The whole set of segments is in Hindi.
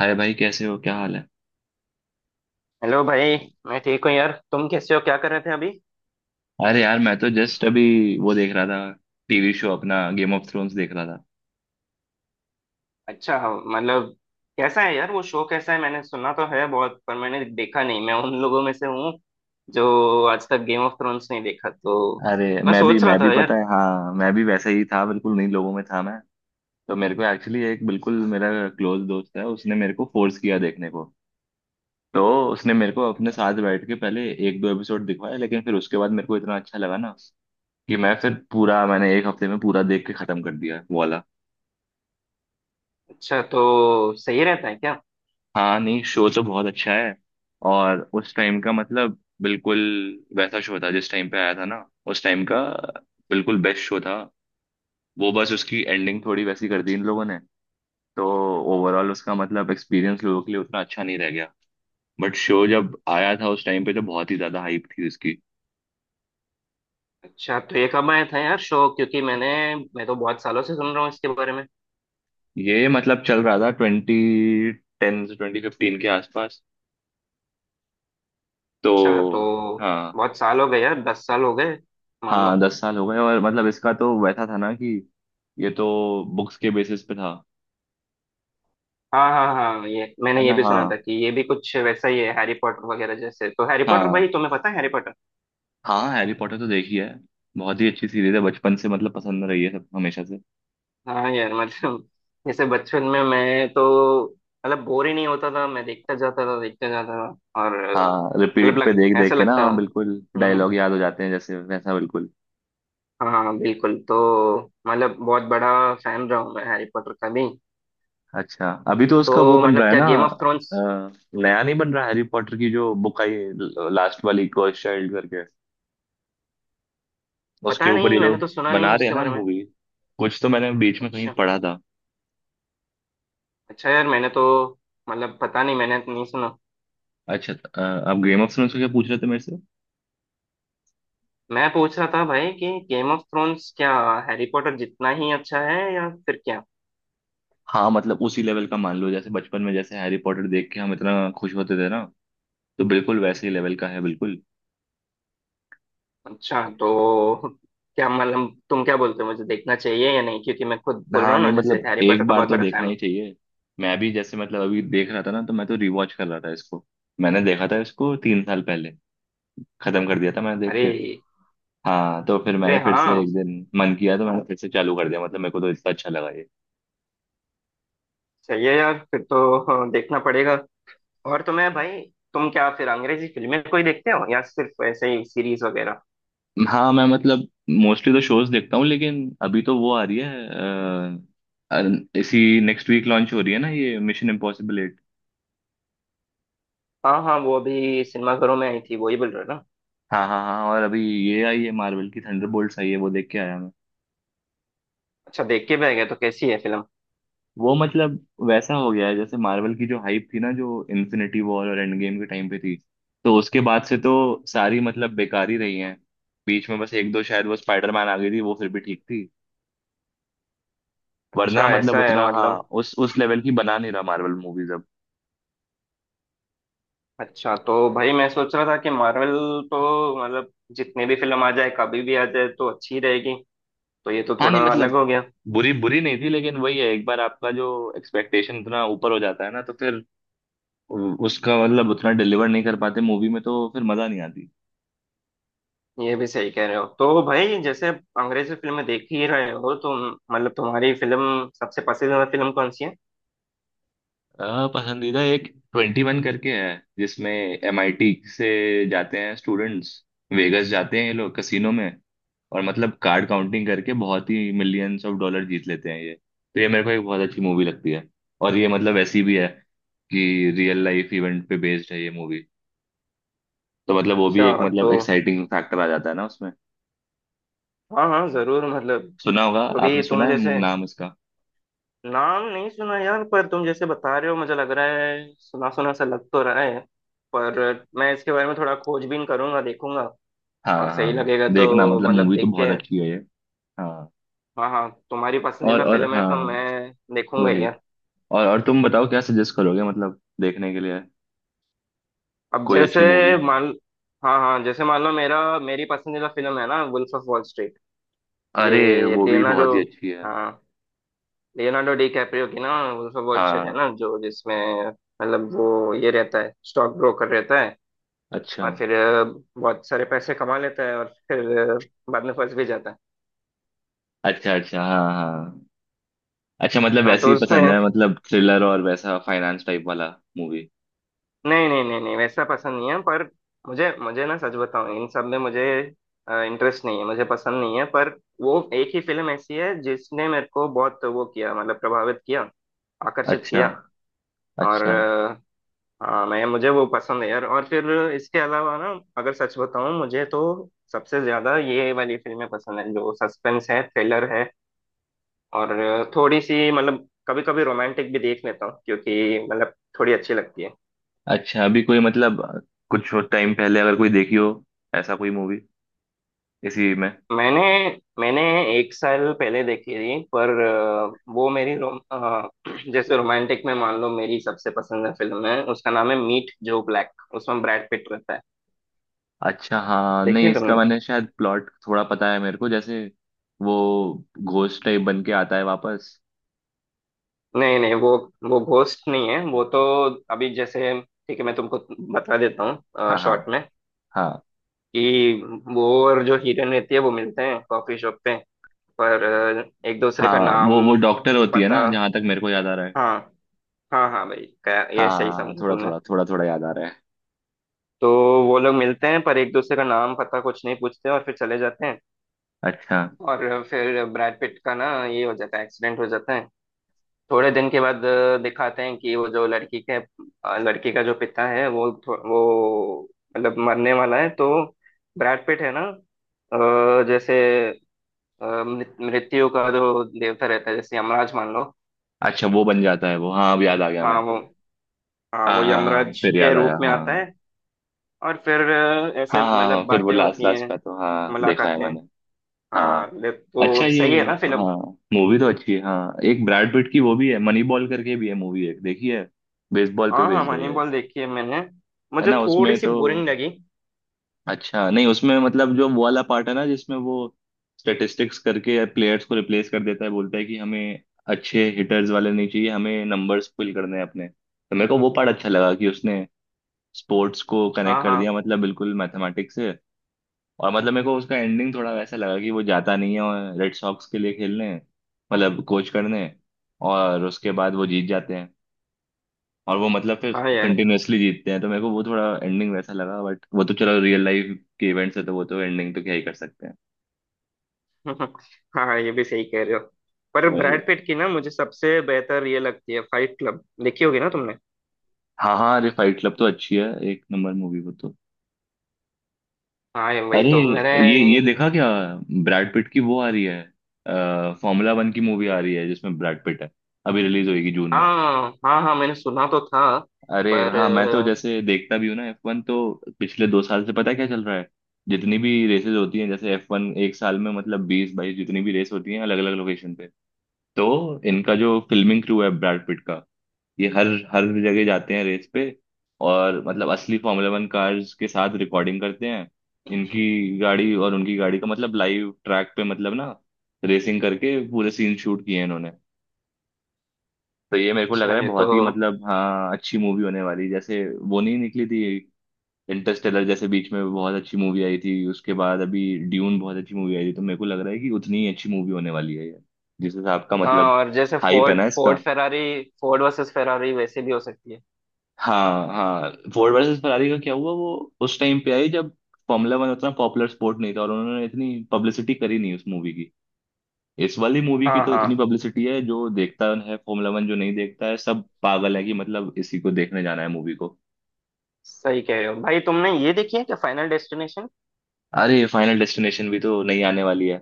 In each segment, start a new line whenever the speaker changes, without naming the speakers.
अरे भाई कैसे हो, क्या हाल है?
हेलो भाई। मैं ठीक हूँ यार। तुम कैसे हो? क्या कर रहे थे अभी?
अरे यार मैं तो जस्ट अभी वो देख रहा था, टीवी शो अपना गेम ऑफ थ्रोन्स देख रहा था।
अच्छा। हाँ, मतलब कैसा है यार वो शो कैसा है? मैंने सुना तो है बहुत पर मैंने देखा नहीं। मैं उन लोगों में से हूँ जो आज तक गेम ऑफ थ्रोन्स नहीं देखा, तो
अरे
मैं
मैं भी
सोच रहा
मैं भी
था
पता
यार।
है, हाँ मैं भी वैसे ही था, बिल्कुल नहीं लोगों में था मैं। तो मेरे को एक्चुअली एक बिल्कुल मेरा क्लोज दोस्त है, उसने मेरे को फोर्स किया देखने को। तो उसने मेरे को अपने साथ बैठ के पहले एक दो एपिसोड दिखवाया, लेकिन फिर उसके बाद मेरे को इतना अच्छा लगा ना कि मैं फिर पूरा मैंने एक हफ्ते में पूरा देख के खत्म कर दिया वो वाला।
अच्छा तो सही रहता है क्या?
हाँ नहीं, शो तो बहुत अच्छा है। और उस टाइम का मतलब बिल्कुल वैसा शो था, जिस टाइम पे आया था ना। उस टाइम का बिल्कुल बेस्ट शो था। वो बस उसकी एंडिंग थोड़ी वैसी कर दी इन लोगों ने, तो ओवरऑल उसका मतलब एक्सपीरियंस लोगों के लिए उतना अच्छा नहीं रह गया। बट शो जब आया था उस टाइम पे तो बहुत ही ज्यादा हाइप थी उसकी।
अच्छा तो ये कब आया था यार शो? क्योंकि मैं तो बहुत सालों से सुन रहा हूँ इसके बारे में।
ये मतलब चल रहा था 2010 से 2015 के आसपास, तो
अच्छा। तो
हाँ।
बहुत साल हो गए यार, दस साल हो गए मान लो।
हाँ 10 साल हो गए, और मतलब इसका तो वैसा था ना कि ये तो बुक्स के बेसिस पे था।
हाँ, हाँ, हाँ,
है
ये
ना,
भी
हाँ
सुना था कि ये भी कुछ वैसा ही है हैरी पॉटर वगैरह जैसे। तो हैरी पॉटर,
हाँ
भाई तुम्हें पता है हैरी पॉटर?
हाँ। हैरी पॉटर तो देखी है, बहुत ही अच्छी सीरीज है, बचपन से मतलब पसंद रही है सब हमेशा से।
हाँ यार मतलब जैसे बचपन में मैं तो मतलब बोर ही नहीं होता था, मैं देखता जाता था देखता जाता था, और
हाँ
मतलब
रिपीट पे देख
ऐसा
देख के ना,
लगता
हाँ
था।
बिल्कुल डायलॉग
हम्म।
याद हो जाते हैं जैसे, वैसा बिल्कुल।
हाँ, बिल्कुल। तो मतलब बहुत बड़ा फैन रहा हूँ मैं हैरी पॉटर का भी।
अच्छा अभी तो उसका वो
तो
बन
मतलब
रहा है
क्या,
ना।
Game of Thrones.
अ, नया नहीं बन रहा, हैरी पॉटर की जो बुक आई लास्ट वाली कर्स चाइल्ड करके, उसके
पता
ऊपर ये
नहीं, मैंने तो
लोग
सुना नहीं
बना रहे हैं
उसके
ना
बारे में।
मूवी। कुछ तो मैंने बीच में कहीं
अच्छा।
पढ़ा था।
अच्छा यार, मैंने तो मतलब पता नहीं, मैंने तो नहीं सुना।
अच्छा, आप गेम ऑफ थ्रोन्स को क्या पूछ रहे थे मेरे से?
मैं पूछ रहा था भाई कि गेम ऑफ थ्रोन्स क्या हैरी पॉटर जितना ही अच्छा है या फिर क्या?
हाँ मतलब उसी लेवल का मान लो, जैसे बचपन में जैसे हैरी पॉटर देख के हम इतना खुश होते थे ना, तो बिल्कुल वैसे ही लेवल का है बिल्कुल।
अच्छा तो क्या मतलब, तुम क्या बोलते हो, मुझे देखना चाहिए या नहीं, क्योंकि मैं खुद बोल रहा
हाँ
हूँ
नहीं
ना जैसे
मतलब
हैरी पॉटर
एक
का
बार
बहुत
तो
बड़ा
देखना
फैन
ही
हूँ।
चाहिए। मैं भी जैसे मतलब अभी देख रहा था ना, तो मैं तो रिवॉच कर रहा था इसको। मैंने देखा था इसको 3 साल पहले, खत्म कर दिया था मैंने देख के।
अरे,
हाँ तो फिर
अरे,
मैंने फिर से
हाँ,
एक दिन मन किया, तो मैंने फिर से चालू कर दिया, मतलब मेरे को तो इतना अच्छा लगा ये।
सही है यार, फिर तो देखना पड़ेगा। और तुम्हें भाई, तुम क्या फिर अंग्रेजी फिल्में कोई देखते हो या सिर्फ ऐसे ही सीरीज वगैरह?
हाँ मैं मतलब मोस्टली तो शोज देखता हूँ, लेकिन अभी तो वो आ रही है, इसी नेक्स्ट वीक लॉन्च हो रही है ना ये मिशन इम्पॉसिबल 8।
हाँ, हाँ, वो अभी सिनेमाघरों में आई थी, वही बोल रहे हो ना?
हाँ हाँ हाँ, और अभी ये आई है मार्वल की, थंडरबोल्ट्स आई है, वो देख के आया।
अच्छा, देख के भी आ गया? तो कैसी है फिल्म?
वो मतलब वैसा हो गया है जैसे मार्वल की जो हाइप थी ना जो इन्फिनिटी वॉर और एंड गेम के टाइम पे थी, तो उसके बाद से तो सारी मतलब बेकार ही रही हैं। बीच में बस एक दो शायद वो स्पाइडरमैन आ गई थी, वो फिर भी ठीक थी। वरना
अच्छा,
मतलब
ऐसा है
उतना, हाँ
मतलब।
उस लेवल की बना नहीं रहा मार्वल मूवीज अब।
अच्छा तो भाई मैं सोच रहा था कि मार्वल, तो मतलब जितने भी फिल्म आ जाए कभी भी आ जाए तो अच्छी रहेगी, तो ये तो
हाँ
थोड़ा
नहीं
अलग
मतलब
हो गया।
बुरी बुरी नहीं थी, लेकिन वही है, एक बार आपका जो एक्सपेक्टेशन इतना ऊपर हो जाता है ना, तो फिर उसका मतलब उतना डिलीवर नहीं कर पाते मूवी में, तो फिर मजा नहीं आती।
ये भी सही कह रहे हो। तो भाई, जैसे आप अंग्रेजी फिल्में देख ही रहे हो, तो मतलब तुम्हारी फिल्म, सबसे पसंदीदा फिल्म कौन सी है?
पसंदीदा एक 21 करके है, जिसमें एमआईटी से जाते हैं स्टूडेंट्स, वेगस जाते हैं ये लोग कसिनो में, और मतलब कार्ड काउंटिंग करके बहुत ही मिलियंस ऑफ डॉलर जीत लेते हैं, ये तो ये मेरे को एक बहुत अच्छी मूवी लगती है। और ये मतलब ऐसी भी है कि रियल लाइफ इवेंट पे बेस्ड है ये मूवी, तो मतलब वो भी एक
अच्छा। तो
मतलब एक्साइटिंग फैक्टर आ जाता है ना उसमें।
हाँ, हाँ, जरूर मतलब।
सुना होगा
अभी
आपने, सुना
तुम
है
जैसे,
नाम इसका?
नाम नहीं सुना यार, पर तुम जैसे बता रहे हो, मुझे लग रहा है सुना सुना सा लग तो रहा है। पर मैं इसके बारे में थोड़ा खोजबीन करूंगा, देखूंगा,
हाँ
और सही
हाँ,
लगेगा तो
देखना मतलब
मतलब
मूवी तो
देख
बहुत
के।
अच्छी है ये। हाँ,
हाँ, हाँ, तुम्हारी
और
पसंदीदा
और
फिल्म है
हाँ
तो मैं देखूंगा ही
वही,
यार।
और तुम बताओ क्या सजेस्ट करोगे मतलब देखने के लिए
अब
कोई
जैसे
अच्छी मूवी?
मान हाँ, हाँ, जैसे मान लो, मेरा मेरी पसंदीदा फिल्म है ना वुल्फ ऑफ वॉल स्ट्रीट।
अरे
ये
वो भी
लियोनार्डो।
बहुत ही अच्छी है।
हाँ, लियोनार्डो डी कैप्रियो की ना वुल्फ ऑफ वॉल स्ट्रीट है
हाँ
ना, जो जिसमें मतलब वो ये रहता है, स्टॉक ब्रोकर रहता है,
अच्छा,
और फिर बहुत सारे पैसे कमा लेता है, और फिर बाद में फंस भी जाता है।
अच्छा। अच्छा, हाँ हाँ। अच्छा मतलब
हाँ
वैसे
तो
ही
उसमें,
पसंद है, मतलब थ्रिलर और वैसा फाइनेंस टाइप वाला मूवी।
नहीं, नहीं, नहीं, नहीं, वैसा पसंद नहीं है पर, मुझे मुझे ना सच बताऊं, इन सब में मुझे इंटरेस्ट नहीं है, मुझे पसंद नहीं है, पर वो एक ही फिल्म ऐसी है जिसने मेरे को बहुत वो किया, मतलब प्रभावित किया, आकर्षित
अच्छा,
किया। और
अच्छा।
हाँ, मैं मुझे वो पसंद है यार। और फिर इसके अलावा ना, अगर सच बताऊं मुझे तो सबसे ज्यादा ये वाली फिल्में पसंद है जो सस्पेंस है, थ्रिलर है, और थोड़ी सी मतलब कभी कभी रोमांटिक भी देख लेता हूँ, क्योंकि मतलब थोड़ी अच्छी लगती है।
अच्छा अभी कोई मतलब कुछ टाइम पहले अगर कोई देखी हो ऐसा कोई मूवी इसी में?
मैंने मैंने एक साल पहले देखी थी, पर वो मेरी रोम अ, जैसे रोमांटिक में मान लो मेरी सबसे पसंदीदा फिल्म है, उसका नाम है मीट जो ब्लैक, उसमें ब्रैड पिट रहता है।
अच्छा हाँ
देखी
नहीं,
है
इसका
तुमने?
मैंने शायद प्लॉट थोड़ा पता है मेरे को, जैसे वो घोस्ट टाइप बन के आता है वापस।
नहीं, नहीं, वो घोस्ट नहीं है, वो तो, अभी जैसे ठीक है, मैं तुमको बता देता हूँ
हाँ हाँ
शॉर्ट में
हाँ
कि वो और जो हीरोइन रहती है, वो मिलते हैं कॉफी शॉप पे, पर एक दूसरे
हाँ,
का नाम
वो डॉक्टर होती है
पता।
ना, जहां तक मेरे को याद आ रहा है।
हाँ, हाँ, हाँ भाई, ये सही
हाँ
समझे
थोड़ा
तुमने।
थोड़ा थोड़ा थोड़ा याद आ रहा है।
तो वो लोग मिलते हैं पर एक दूसरे का नाम पता कुछ नहीं पूछते और फिर चले जाते हैं।
अच्छा,
और फिर ब्रैड पिट का ना ये हो जाता है, एक्सीडेंट हो जाता है। थोड़े दिन के बाद दिखाते हैं कि वो जो लड़की का जो पिता है, वो मतलब मरने वाला है, तो ब्रैड पिट है ना, जैसे मृत्यु का जो देवता रहता है, जैसे यमराज मान लो।
अच्छा वो बन जाता है वो, हाँ अब याद आ गया
हाँ
मेरे
वो
को।
हाँ,
हाँ
वो
हाँ हाँ
यमराज
फिर
के
याद आया,
रूप में
हाँ।
आता है। और फिर ऐसे
हाँ हाँ हाँ
मतलब
फिर वो
बातें
लास्ट
होती
लास्ट
हैं,
का तो हाँ देखा है
मुलाकातें।
मैंने।
हाँ,
हाँ
ले
अच्छा,
तो
ये
सही है ना फिल्म?
हाँ मूवी तो अच्छी है। हाँ, एक ब्रैड पिट की वो भी है, मनी बॉल करके भी है मूवी एक देखी है, बेसबॉल पे
हाँ, हाँ,
बेस्ड है
मनी
ये।
बॉल देखी है मैंने,
है
मुझे
ना?
थोड़ी
उसमें
सी
तो
बोरिंग लगी।
अच्छा, नहीं उसमें मतलब जो वो वाला पार्ट है ना जिसमें वो स्टेटिस्टिक्स करके प्लेयर्स को रिप्लेस कर देता है, बोलता है कि हमें अच्छे हिटर्स वाले नहीं चाहिए, हमें नंबर्स फिल करने हैं अपने, तो मेरे को वो पार्ट अच्छा लगा कि उसने स्पोर्ट्स को कनेक्ट
हाँ,
कर दिया
हाँ,
मतलब बिल्कुल मैथमेटिक्स से। और मतलब मेरे को उसका एंडिंग थोड़ा वैसा लगा कि वो जाता नहीं है और रेड सॉक्स के लिए खेलने, मतलब कोच करने, और उसके बाद वो जीत जाते हैं, और वो मतलब फिर
हाँ यार
कंटिन्यूअसली जीतते हैं, तो मेरे को वो थोड़ा एंडिंग वैसा लगा, बट वो तो चलो रियल लाइफ के इवेंट्स है तो वो तो एंडिंग तो क्या ही कर सकते हैं।
हाँ, हाँ, ये भी सही कह रहे हो। पर
वही
ब्रैड पिट की ना मुझे सबसे बेहतर ये लगती है, फाइट क्लब देखी होगी ना तुमने।
हाँ हाँ, अरे फाइट क्लब तो अच्छी है, एक नंबर मूवी वो तो।
हाँ, ये वही
अरे
तो मैंने।
ये देखा क्या? ब्रैड पिट की वो आ रही है, फॉर्मूला वन की मूवी आ रही है जिसमें ब्रैड पिट है, अभी रिलीज होगी जून में।
हाँ, हाँ, हाँ, मैंने सुना तो था,
अरे
पर
हाँ मैं तो जैसे देखता भी हूँ ना F1 तो, पिछले 2 साल से पता है क्या चल रहा है। जितनी भी रेसेस होती हैं, जैसे एफ वन एक साल में मतलब 20-22 जितनी भी रेस होती हैं अलग अलग लोकेशन पे, तो इनका जो फिल्मिंग क्रू है ब्रैड पिट का, ये हर हर जगह जाते हैं रेस पे, और मतलब असली Formula 1 कार्स के साथ रिकॉर्डिंग करते हैं, इनकी गाड़ी और उनकी गाड़ी का मतलब लाइव ट्रैक पे मतलब ना रेसिंग करके पूरे सीन शूट किए हैं इन्होंने। तो ये मेरे को लग
अच्छा
रहा है
ये तो।
बहुत ही मतलब हाँ अच्छी मूवी होने वाली है। जैसे वो नहीं निकली थी, इंटरस्टेलर जैसे बीच में बहुत अच्छी मूवी आई थी, उसके बाद अभी ड्यून बहुत अच्छी मूवी आई थी, तो मेरे को लग रहा है कि उतनी ही अच्छी मूवी होने वाली है ये, जिस हिसाब का
हाँ,
मतलब
और जैसे
हाइप है
फोर्ड
ना इसका।
Ford Ferrari Ford versus Ferrari वैसे भी हो सकती है।
हाँ हाँ, फोर्ड वर्सेस फरारी का क्या हुआ? वो उस टाइम पे आई जब Formula 1 उतना पॉपुलर स्पोर्ट नहीं था, और उन्होंने इतनी पब्लिसिटी करी नहीं उस मूवी की, इस वाली मूवी की
हाँ,
तो
हाँ,
इतनी पब्लिसिटी है, जो देखता है Formula 1, जो नहीं देखता है, सब पागल है कि मतलब इसी को देखने जाना है मूवी को।
सही कह रहे हो भाई। तुमने ये देखी है क्या, फाइनल डेस्टिनेशन?
अरे फाइनल डेस्टिनेशन भी तो नहीं आने वाली है?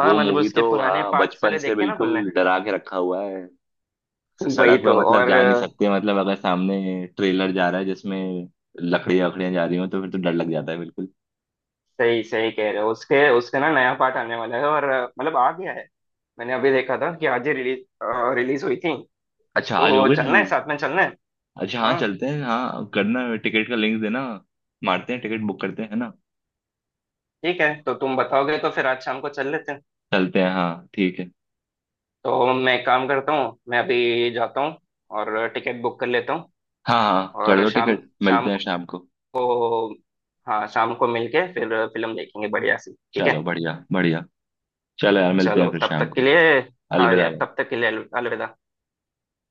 हाँ,
वो
मतलब
मूवी तो
उसके पुराने
हाँ
पार्ट
बचपन
सारे
से
देखे ना तुमने।
बिल्कुल डरा के रखा हुआ है,
वही
सड़क पे
तो।
मतलब
और
जा नहीं सकते, मतलब अगर सामने ट्रेलर जा रहा है जिसमें लकड़ियां वकड़ियां जा रही हो तो फिर तो डर लग जाता है बिल्कुल।
सही, सही कह रहे हो, उसके उसका ना नया पार्ट आने वाला है और मतलब आ गया है। मैंने अभी देखा था कि आज ही रिलीज रिलीज हुई थी।
अच्छा आज हो
तो
गई
चलना है,
रिलीज?
साथ में चलना है।
अच्छा हाँ
हाँ,
चलते हैं, हाँ करना है, टिकट का लिंक देना, मारते हैं, टिकट बुक करते हैं, है ना?
ठीक है तो तुम बताओगे तो फिर आज शाम को चल लेते हैं।
चलते हैं हाँ ठीक है।
तो मैं एक काम करता हूँ, मैं अभी जाता हूँ और टिकट बुक कर लेता हूँ।
हाँ हाँ कर
और
दो,
शाम
टिकट
शाम
मिलते हैं शाम को।
को, हाँ, शाम को मिलके फिर फिल्म देखेंगे बढ़िया सी, ठीक
चलो
है।
बढ़िया बढ़िया, चलो यार मिलते हैं
चलो,
फिर
तब
शाम
तक के
को,
लिए, हाँ
अलविदा।
यार, तब तक के लिए अलविदा।